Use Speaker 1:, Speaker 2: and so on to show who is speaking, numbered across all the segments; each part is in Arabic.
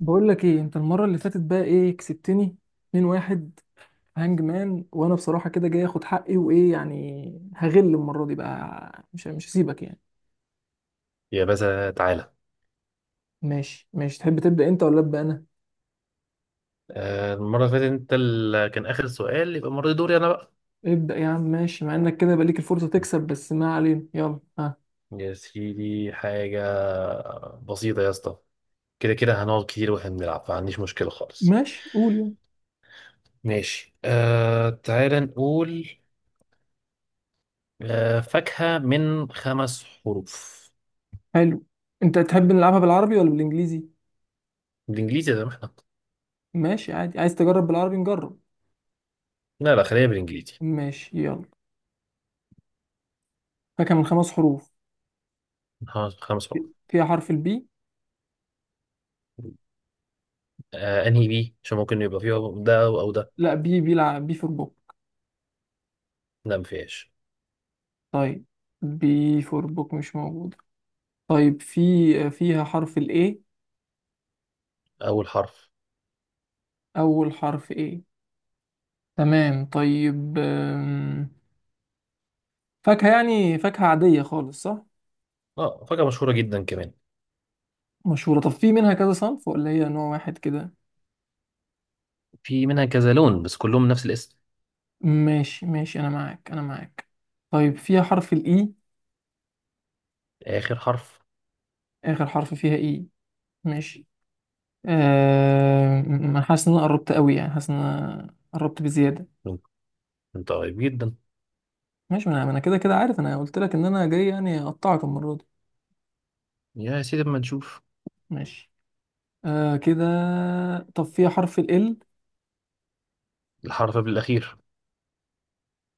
Speaker 1: بقول لك ايه انت المره اللي فاتت بقى ايه كسبتني 2-1 هانج مان. وانا بصراحه كده جاي اخد حقي، وايه يعني هغل المره دي بقى، مش هسيبك يعني.
Speaker 2: يا باشا تعالى.
Speaker 1: ماشي ماشي، تحب تبدا انت ولا ابدا انا؟
Speaker 2: آه، المرة اللي فاتت انت اللي كان آخر سؤال، يبقى المرة دي دوري انا بقى.
Speaker 1: ابدا يا عم، ماشي. مع انك كده بقى ليك الفرصه تكسب، بس ما علينا، يلا ها.
Speaker 2: يا سيدي حاجة بسيطة يا اسطى. كده كده هنقعد كتير واحنا بنلعب، ما عنديش مشكلة خالص.
Speaker 1: ماشي قول يلا.
Speaker 2: ماشي، آه تعالى نقول. آه، فاكهة من خمس حروف.
Speaker 1: حلو. انت تحب نلعبها بالعربي ولا بالانجليزي؟
Speaker 2: بالانجليزي يا احنا.
Speaker 1: ماشي عادي، عايز تجرب بالعربي نجرب.
Speaker 2: لا خلينا بالانجليزي.
Speaker 1: ماشي يلا. فاكهه من خمس حروف.
Speaker 2: ها، خمس حروف.
Speaker 1: فيها حرف البي؟
Speaker 2: آه انهي بي؟ عشان ممكن يبقى فيها ده او أو ده.
Speaker 1: لا، بي بيلعب بي في البوك.
Speaker 2: لا ما فيهاش.
Speaker 1: طيب، بي فور بوك مش موجودة. طيب، في فيها حرف ال A؟
Speaker 2: اول حرف.
Speaker 1: أول حرف A؟ تمام طيب. فاكهة يعني، فاكهة عادية خالص صح؟
Speaker 2: اه، فاكهة مشهورة جدا كمان.
Speaker 1: مشهورة. طب في منها كذا صنف ولا هي نوع واحد كده؟
Speaker 2: في منها كذا لون بس كلهم نفس الاسم.
Speaker 1: ماشي ماشي، أنا معاك أنا معاك. طيب فيها حرف ال E؟
Speaker 2: آخر حرف.
Speaker 1: آخر حرف فيها E؟ ماشي. أنا حاسس إن أنا قربت قوي، يعني حاسس إن أنا قربت بزيادة.
Speaker 2: انت قريب جدا.
Speaker 1: ماشي. ما أنا كده كده عارف، أنا قلت لك إن أنا جاي يعني أقطعك المرة دي.
Speaker 2: يا سيدي اما نشوف.
Speaker 1: ماشي. آه كده. طب فيها حرف ال L؟
Speaker 2: الحرف بالأخير.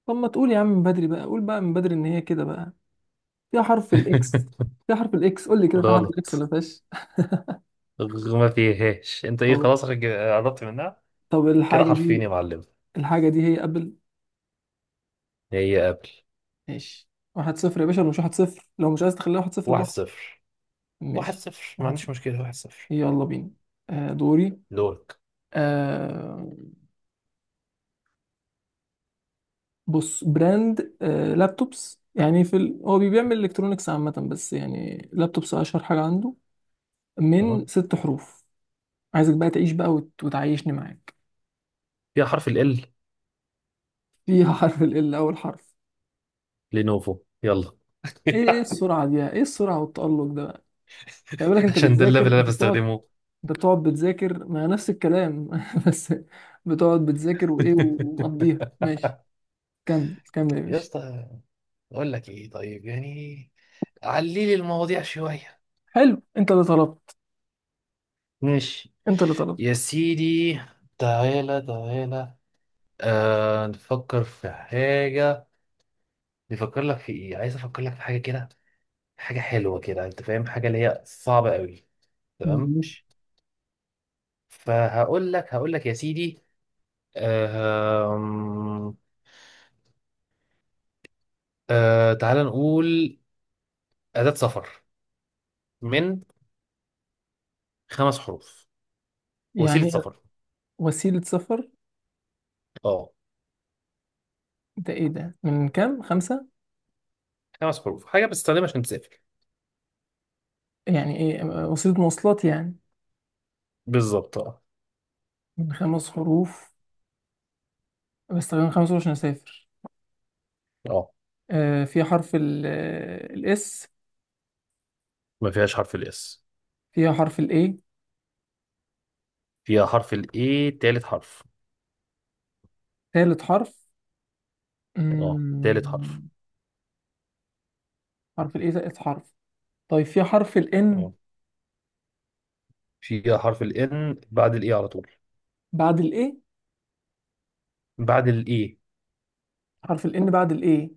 Speaker 1: طب ما تقول يا عم من بدري بقى، قول بقى من بدري ان هي كده بقى. فيها حرف الاكس؟ فيها حرف الاكس، قول لي كده، فيها حرف الاكس
Speaker 2: غلط.
Speaker 1: ولا فيهاش؟
Speaker 2: ما فيهاش. انت ايه
Speaker 1: طب.
Speaker 2: خلاص قربت منها.
Speaker 1: طب
Speaker 2: كده
Speaker 1: الحاجه
Speaker 2: حرفين
Speaker 1: دي،
Speaker 2: يا معلم.
Speaker 1: الحاجه دي هي ابل.
Speaker 2: هي قبل.
Speaker 1: ماشي. واحد صفر يا باشا، ولا مش واحد صفر؟ لو مش عايز تخليها واحد صفر
Speaker 2: واحد
Speaker 1: براحتك.
Speaker 2: صفر واحد
Speaker 1: ماشي.
Speaker 2: صفر ما
Speaker 1: واحد
Speaker 2: عنديش
Speaker 1: صفر.
Speaker 2: مشكلة، واحد صفر.
Speaker 1: يلا بينا. آه دوري.
Speaker 2: دورك.
Speaker 1: آه، بص، براند، آه، لابتوبس يعني. في هو بيعمل الكترونكس عامه، بس يعني لابتوبس اشهر حاجه عنده.
Speaker 2: أهو.
Speaker 1: من ست حروف. عايزك بقى تعيش بقى، وتعيشني معاك.
Speaker 2: فيها حرف ال L.
Speaker 1: فيها حرف ال أول حرف؟
Speaker 2: لينوفو، يلا.
Speaker 1: إيه إيه السرعة دي، إيه السرعة والتألق ده بقى؟ خلي بالك، أنت
Speaker 2: عشان ده الليفل
Speaker 1: بتذاكر،
Speaker 2: اللي انا
Speaker 1: أنت بتقعد.
Speaker 2: بستخدمه.
Speaker 1: أنت بتقعد بتذاكر ما نفس الكلام بس. بتقعد بتذاكر وإيه ومقضيها، ماشي. كمل كمل يا
Speaker 2: يا
Speaker 1: باشا.
Speaker 2: اسطى، اقول لك ايه طيب يعني؟ علي لي المواضيع شوية.
Speaker 1: حلو، أنت اللي طلبت،
Speaker 2: ماشي
Speaker 1: أنت اللي
Speaker 2: يا
Speaker 1: طلبت.
Speaker 2: سيدي، تعالى تعالى. آه نفكر في حاجة. نفكر لك في ايه، عايز افكر لك في حاجة كده. حاجة حلوة كده انت فاهم، حاجة اللي هي صعبة قوي. تمام.
Speaker 1: ماشي.
Speaker 2: فهقول لك يا سيدي. آه. آه تعالى نقول. أداة سفر، من خمس حروف. وسيلة
Speaker 1: يعني
Speaker 2: سفر.
Speaker 1: وسيلة سفر.
Speaker 2: اه.
Speaker 1: ده إيه ده، من كام؟ خمسة؟
Speaker 2: خمس حروف، حاجة بتستخدمها عشان تسافر.
Speaker 1: يعني إيه، وسيلة مواصلات يعني؟
Speaker 2: بالظبط اه.
Speaker 1: من خمس حروف. بستخدم خمس حروف عشان أسافر.
Speaker 2: اه.
Speaker 1: آه، فيها حرف الاس؟
Speaker 2: ما فيهاش حرف الاس.
Speaker 1: فيها حرف الاي،
Speaker 2: فيها حرف الايه، تالت حرف.
Speaker 1: ثالث حرف؟
Speaker 2: اه تالت حرف.
Speaker 1: مم، حرف الاي ثالث حرف. طيب فيها حرف الان
Speaker 2: اه، فيها حرف ال N بعد الاي على طول.
Speaker 1: بعد الاي؟
Speaker 2: بعد الاي.
Speaker 1: حرف الان بعد الاي،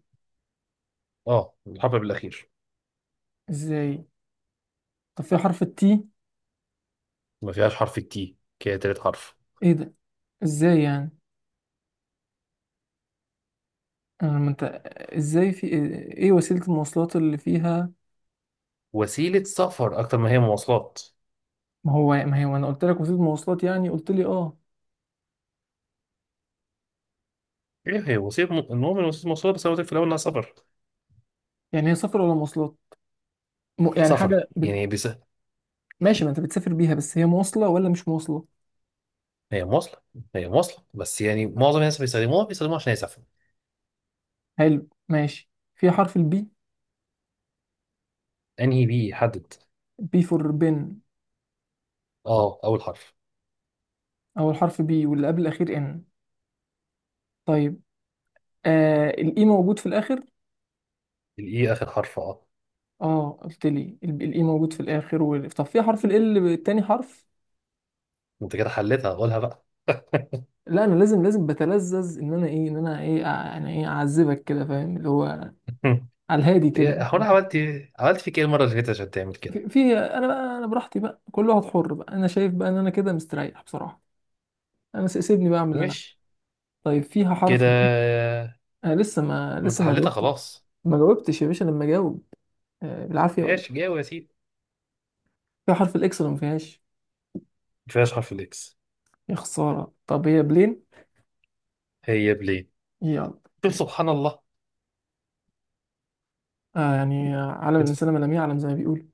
Speaker 2: اه، الحرف بالاخير.
Speaker 1: ازاي؟ طب فيها حرف التي؟
Speaker 2: ما فيهاش حرف التي، كده تالت حرف.
Speaker 1: ايه ده، ازاي يعني؟ انا، ما انت، ازاي؟ في ايه وسيلة المواصلات اللي فيها؟
Speaker 2: وسيلة سفر اكتر ما هي مواصلات.
Speaker 1: ما هو ما هي، وانا قلت لك وسيلة مواصلات يعني، قلت لي اه.
Speaker 2: ايه، هي وسيلة المؤمن وسيلة مواصلات، بس انا قلت لك في الاول انها سفر.
Speaker 1: يعني هي سفر ولا مواصلات؟ يعني
Speaker 2: سفر
Speaker 1: حاجة ب...
Speaker 2: يعني بس.
Speaker 1: ماشي، ما انت بتسافر بيها، بس هي مواصلة ولا مش مواصلة؟
Speaker 2: هي مواصلة. هي مواصلة بس يعني معظم الناس بيستخدموها بيستخدموها عشان يسافروا.
Speaker 1: حلو ماشي. فيها حرف البي؟
Speaker 2: انهي بي يحدد؟
Speaker 1: بي فور بن.
Speaker 2: اه اول حرف.
Speaker 1: أول حرف بي، واللي قبل الأخير إن. طيب. آه، الإي موجود في الآخر.
Speaker 2: الاي اخر حرف، اه.
Speaker 1: آه، قلت لي الإي موجود في الآخر، وال... طب في حرف ال التاني حرف؟
Speaker 2: انت كده حلتها، قولها بقى.
Speaker 1: لا، أنا لازم لازم بتلذذ إن أنا إيه، إن أنا إيه، أنا إيه، أعذبك كده، فاهم اللي هو، على الهادي كده.
Speaker 2: إيه، هو انا عملت إيه؟ عملت فيك ايه المرة اللي فاتت عشان تعمل كده؟
Speaker 1: في أنا بقى، أنا براحتي بقى، كل واحد حر بقى، أنا شايف بقى إن أنا كده مستريح بصراحة. أنا سيبني بقى أعمل اللي أنا.
Speaker 2: ماشي
Speaker 1: طيب فيها
Speaker 2: كده.
Speaker 1: حرف ال؟ آه لسه ما
Speaker 2: ما انت
Speaker 1: لسه ما
Speaker 2: حلتها
Speaker 1: جاوبت.
Speaker 2: خلاص.
Speaker 1: ما جاوبتش يا باشا لما جاوب. آه بالعافية ولا
Speaker 2: ايش
Speaker 1: إيه؟
Speaker 2: جاوب يا سيدي؟
Speaker 1: فيها حرف الإكس ولا ما فيهاش؟
Speaker 2: ما فيهاش حرف الاكس.
Speaker 1: يا خسارة. طب هي بلين.
Speaker 2: هي بلين.
Speaker 1: يلا.
Speaker 2: شوف
Speaker 1: ماشي.
Speaker 2: سبحان الله.
Speaker 1: آه يعني، عالم
Speaker 2: ادفع.
Speaker 1: الإنسان ما لم يعلم، زي ما بيقولوا.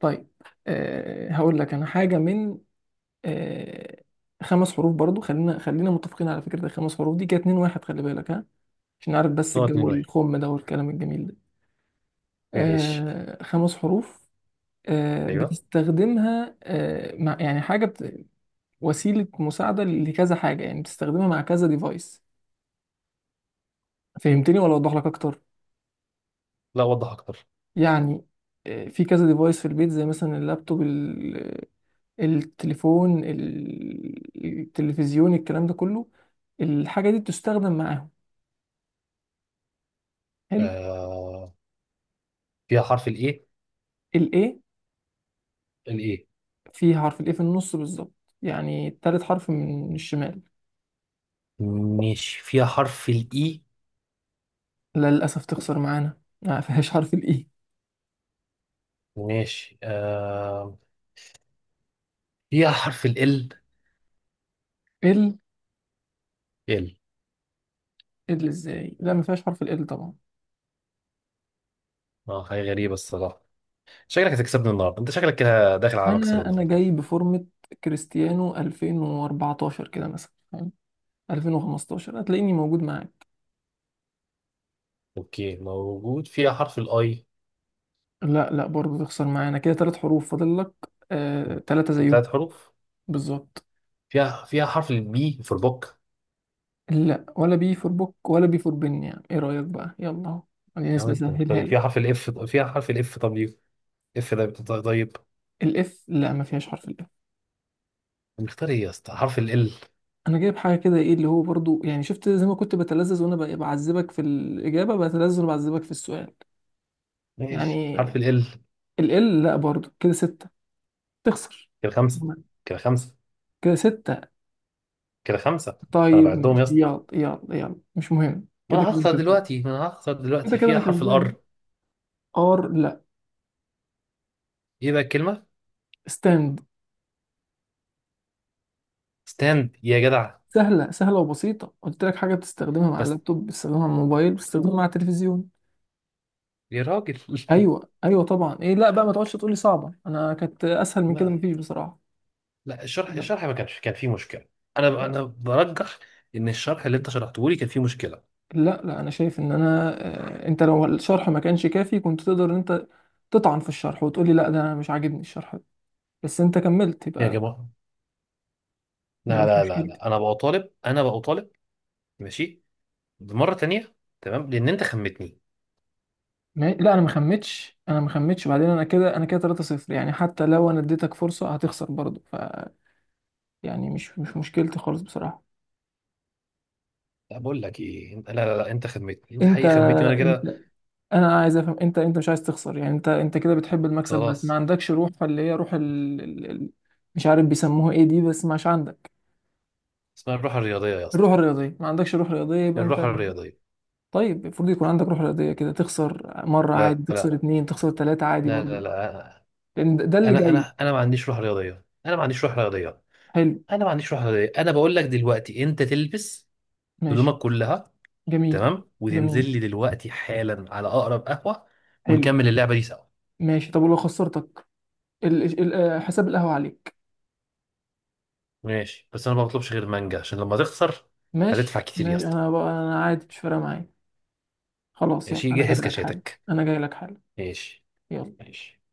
Speaker 1: طيب. آه هقول لك أنا حاجة من، آه، خمس حروف برضو. خلينا خلينا متفقين على فكرة، الخمس حروف دي كانت اتنين واحد، خلي بالك ها، عشان عارف بس
Speaker 2: نقط اتنين
Speaker 1: الجو
Speaker 2: واحد
Speaker 1: الخم ده والكلام الجميل ده.
Speaker 2: ماشي.
Speaker 1: آه، خمس حروف. آه
Speaker 2: ايوه.
Speaker 1: بتستخدمها، آه، مع يعني حاجة بت... وسيلة مساعدة لكذا حاجة يعني، بتستخدمها مع كذا ديفايس. فهمتني ولا أوضح لك أكتر؟
Speaker 2: لا، وضح اكتر.
Speaker 1: يعني، آه، في كذا ديفايس في البيت، زي مثلا اللابتوب، التليفون، التلفزيون، الكلام ده كله. الحاجة دي بتستخدم معاهم. حلو.
Speaker 2: آه... فيها حرف الايه.
Speaker 1: الاي؟
Speaker 2: الايه.
Speaker 1: في حرف الاي في النص بالظبط، يعني تالت حرف من الشمال؟
Speaker 2: ماشي، فيها حرف الاي.
Speaker 1: لا، للأسف تخسر معانا، ما فيهاش حرف الاي.
Speaker 2: ماشي. فيها حرف ال.
Speaker 1: ال
Speaker 2: ال.
Speaker 1: ال ازاي، لا ما فيهاش حرف ال طبعا.
Speaker 2: اه حاجه غريبه الصراحه. شكلك هتكسبني النهارده، انت شكلك كده داخل على مكسب
Speaker 1: انا
Speaker 2: النهارده.
Speaker 1: جاي بفورمة كريستيانو 2014 كده مثلا فاهم؟ 2015 هتلاقيني موجود معاك.
Speaker 2: اوكي، موجود. فيها حرف الاي.
Speaker 1: لا لا، برضه تخسر معانا كده. ثلاث حروف فاضل لك. آه ثلاثة زيهم
Speaker 2: ثلاث حروف.
Speaker 1: بالظبط.
Speaker 2: فيها حرف البي في البوك.
Speaker 1: لا، ولا بي فور بوك ولا بي فور بن، يعني ايه رأيك بقى، يلا اهو خلينا
Speaker 2: يا عم
Speaker 1: نسبة
Speaker 2: انت مختار
Speaker 1: سهلها
Speaker 2: ايه؟
Speaker 1: لك.
Speaker 2: فيها حرف الاف. فيها حرف الاف، طب ليه؟ اف ده طيب.
Speaker 1: الاف؟ لا، ما فيهاش حرف الاف.
Speaker 2: مختار ايه يا اسطى؟ حرف ال.
Speaker 1: انا جايب حاجة كده ايه اللي هو برضه، يعني شفت؟ زي ما كنت بتلذذ وانا بعذبك في الإجابة، بتلذذ وانا بعذبك في السؤال،
Speaker 2: ماشي،
Speaker 1: يعني.
Speaker 2: حرف ال.
Speaker 1: ال؟ لا برضه، كده ستة، تخسر.
Speaker 2: كده خمسه. كده خمسه.
Speaker 1: كده ستة.
Speaker 2: كده خمسه. انا
Speaker 1: طيب
Speaker 2: بعدهم يا
Speaker 1: ماشي،
Speaker 2: اسطى.
Speaker 1: يلا يلا يلا، مش مهم
Speaker 2: ما
Speaker 1: كده
Speaker 2: انا
Speaker 1: كده انا
Speaker 2: هخسر
Speaker 1: كسبان.
Speaker 2: دلوقتي، ما انا هخسر
Speaker 1: كده
Speaker 2: دلوقتي.
Speaker 1: كده
Speaker 2: فيها
Speaker 1: انا
Speaker 2: حرف
Speaker 1: كسبان.
Speaker 2: الار.
Speaker 1: ار؟ لا.
Speaker 2: ايه بقى الكلمه؟
Speaker 1: ستاند.
Speaker 2: ستاند يا جدع.
Speaker 1: سهلة سهلة وبسيطة، قلت لك حاجة بتستخدمها مع
Speaker 2: بس
Speaker 1: اللابتوب، بتستخدمها مع الموبايل، بتستخدمها مع التلفزيون.
Speaker 2: يا راجل.
Speaker 1: أيوة أيوة طبعا إيه، لا بقى ما تقعدش تقولي صعبة، أنا كانت أسهل من كده
Speaker 2: لا
Speaker 1: مفيش بصراحة.
Speaker 2: لا، الشرح
Speaker 1: لا
Speaker 2: الشرح ما كانش كان فيه مشكله. انا
Speaker 1: لا
Speaker 2: انا برجح ان الشرح اللي انت شرحته لي كان فيه مشكله.
Speaker 1: لا لا، أنا شايف إن أنا، آه، أنت لو الشرح ما كانش كافي كنت تقدر إن أنت تطعن في الشرح وتقولي لا ده أنا مش عاجبني الشرح ده، بس أنت كملت
Speaker 2: يا
Speaker 1: يبقى،
Speaker 2: جماعه،
Speaker 1: يبقى
Speaker 2: لا
Speaker 1: مش
Speaker 2: لا لا
Speaker 1: مشكلتي.
Speaker 2: لا، انا بقى طالب، انا بقى طالب. ماشي، مرة تانية. تمام، لأن أنت خمتني.
Speaker 1: لا، أنا ما خمتش، أنا ما خمتش. بعدين أنا كده، أنا كده 3-0 يعني، حتى لو أنا اديتك فرصة هتخسر برضه، ف يعني مش مش مشكلتي خالص بصراحة.
Speaker 2: لا بقول لك ايه انت، لا لا لا، انت خدمتني، انت
Speaker 1: انت،
Speaker 2: حقيقي خدمتني وانا كده
Speaker 1: انت، انا عايز افهم، انت انت مش عايز تخسر يعني، انت انت كده بتحب المكسب بس ما
Speaker 2: خلاص.
Speaker 1: عندكش روح، اللي هي روح ال... ال... ال... مش عارف بيسموها ايه دي، بس مش عندك.
Speaker 2: اسمها الروح الرياضيه يا اسطى.
Speaker 1: الروح الرياضيه، ما عندكش روح رياضيه يبقى انت.
Speaker 2: الروح الرياضيه.
Speaker 1: طيب المفروض يكون عندك روح رياضيه كده، تخسر مره عادي،
Speaker 2: لا
Speaker 1: تخسر
Speaker 2: لا
Speaker 1: اتنين، تخسر تلاته عادي
Speaker 2: لا لا
Speaker 1: برضو،
Speaker 2: لا،
Speaker 1: لان ده ده اللي
Speaker 2: انا
Speaker 1: جاي.
Speaker 2: انا انا ما عنديش روح رياضيه، انا ما عنديش روح رياضيه.
Speaker 1: حلو.
Speaker 2: انا ما عنديش روح رياضيه. انا بقول لك دلوقتي انت تلبس هدومك
Speaker 1: ماشي.
Speaker 2: كلها،
Speaker 1: جميل.
Speaker 2: تمام، وتنزل
Speaker 1: جميل.
Speaker 2: لي دلوقتي حالا على اقرب قهوه،
Speaker 1: حلو.
Speaker 2: ونكمل اللعبه دي سوا.
Speaker 1: ماشي طب ولو خسرتك. ال... ال... آه، حساب القهوه عليك.
Speaker 2: ماشي، بس انا ما بطلبش غير مانجا عشان لما تخسر
Speaker 1: ماشي
Speaker 2: هتدفع كتير يا
Speaker 1: ماشي،
Speaker 2: اسطى.
Speaker 1: انا بقى انا عادي مش فارقه معايا. خلاص يلا
Speaker 2: ماشي
Speaker 1: انا جاي
Speaker 2: جهز
Speaker 1: لك حالا.
Speaker 2: كشاتك.
Speaker 1: انا جاي لك حالا.
Speaker 2: ماشي
Speaker 1: يلا.
Speaker 2: ماشي.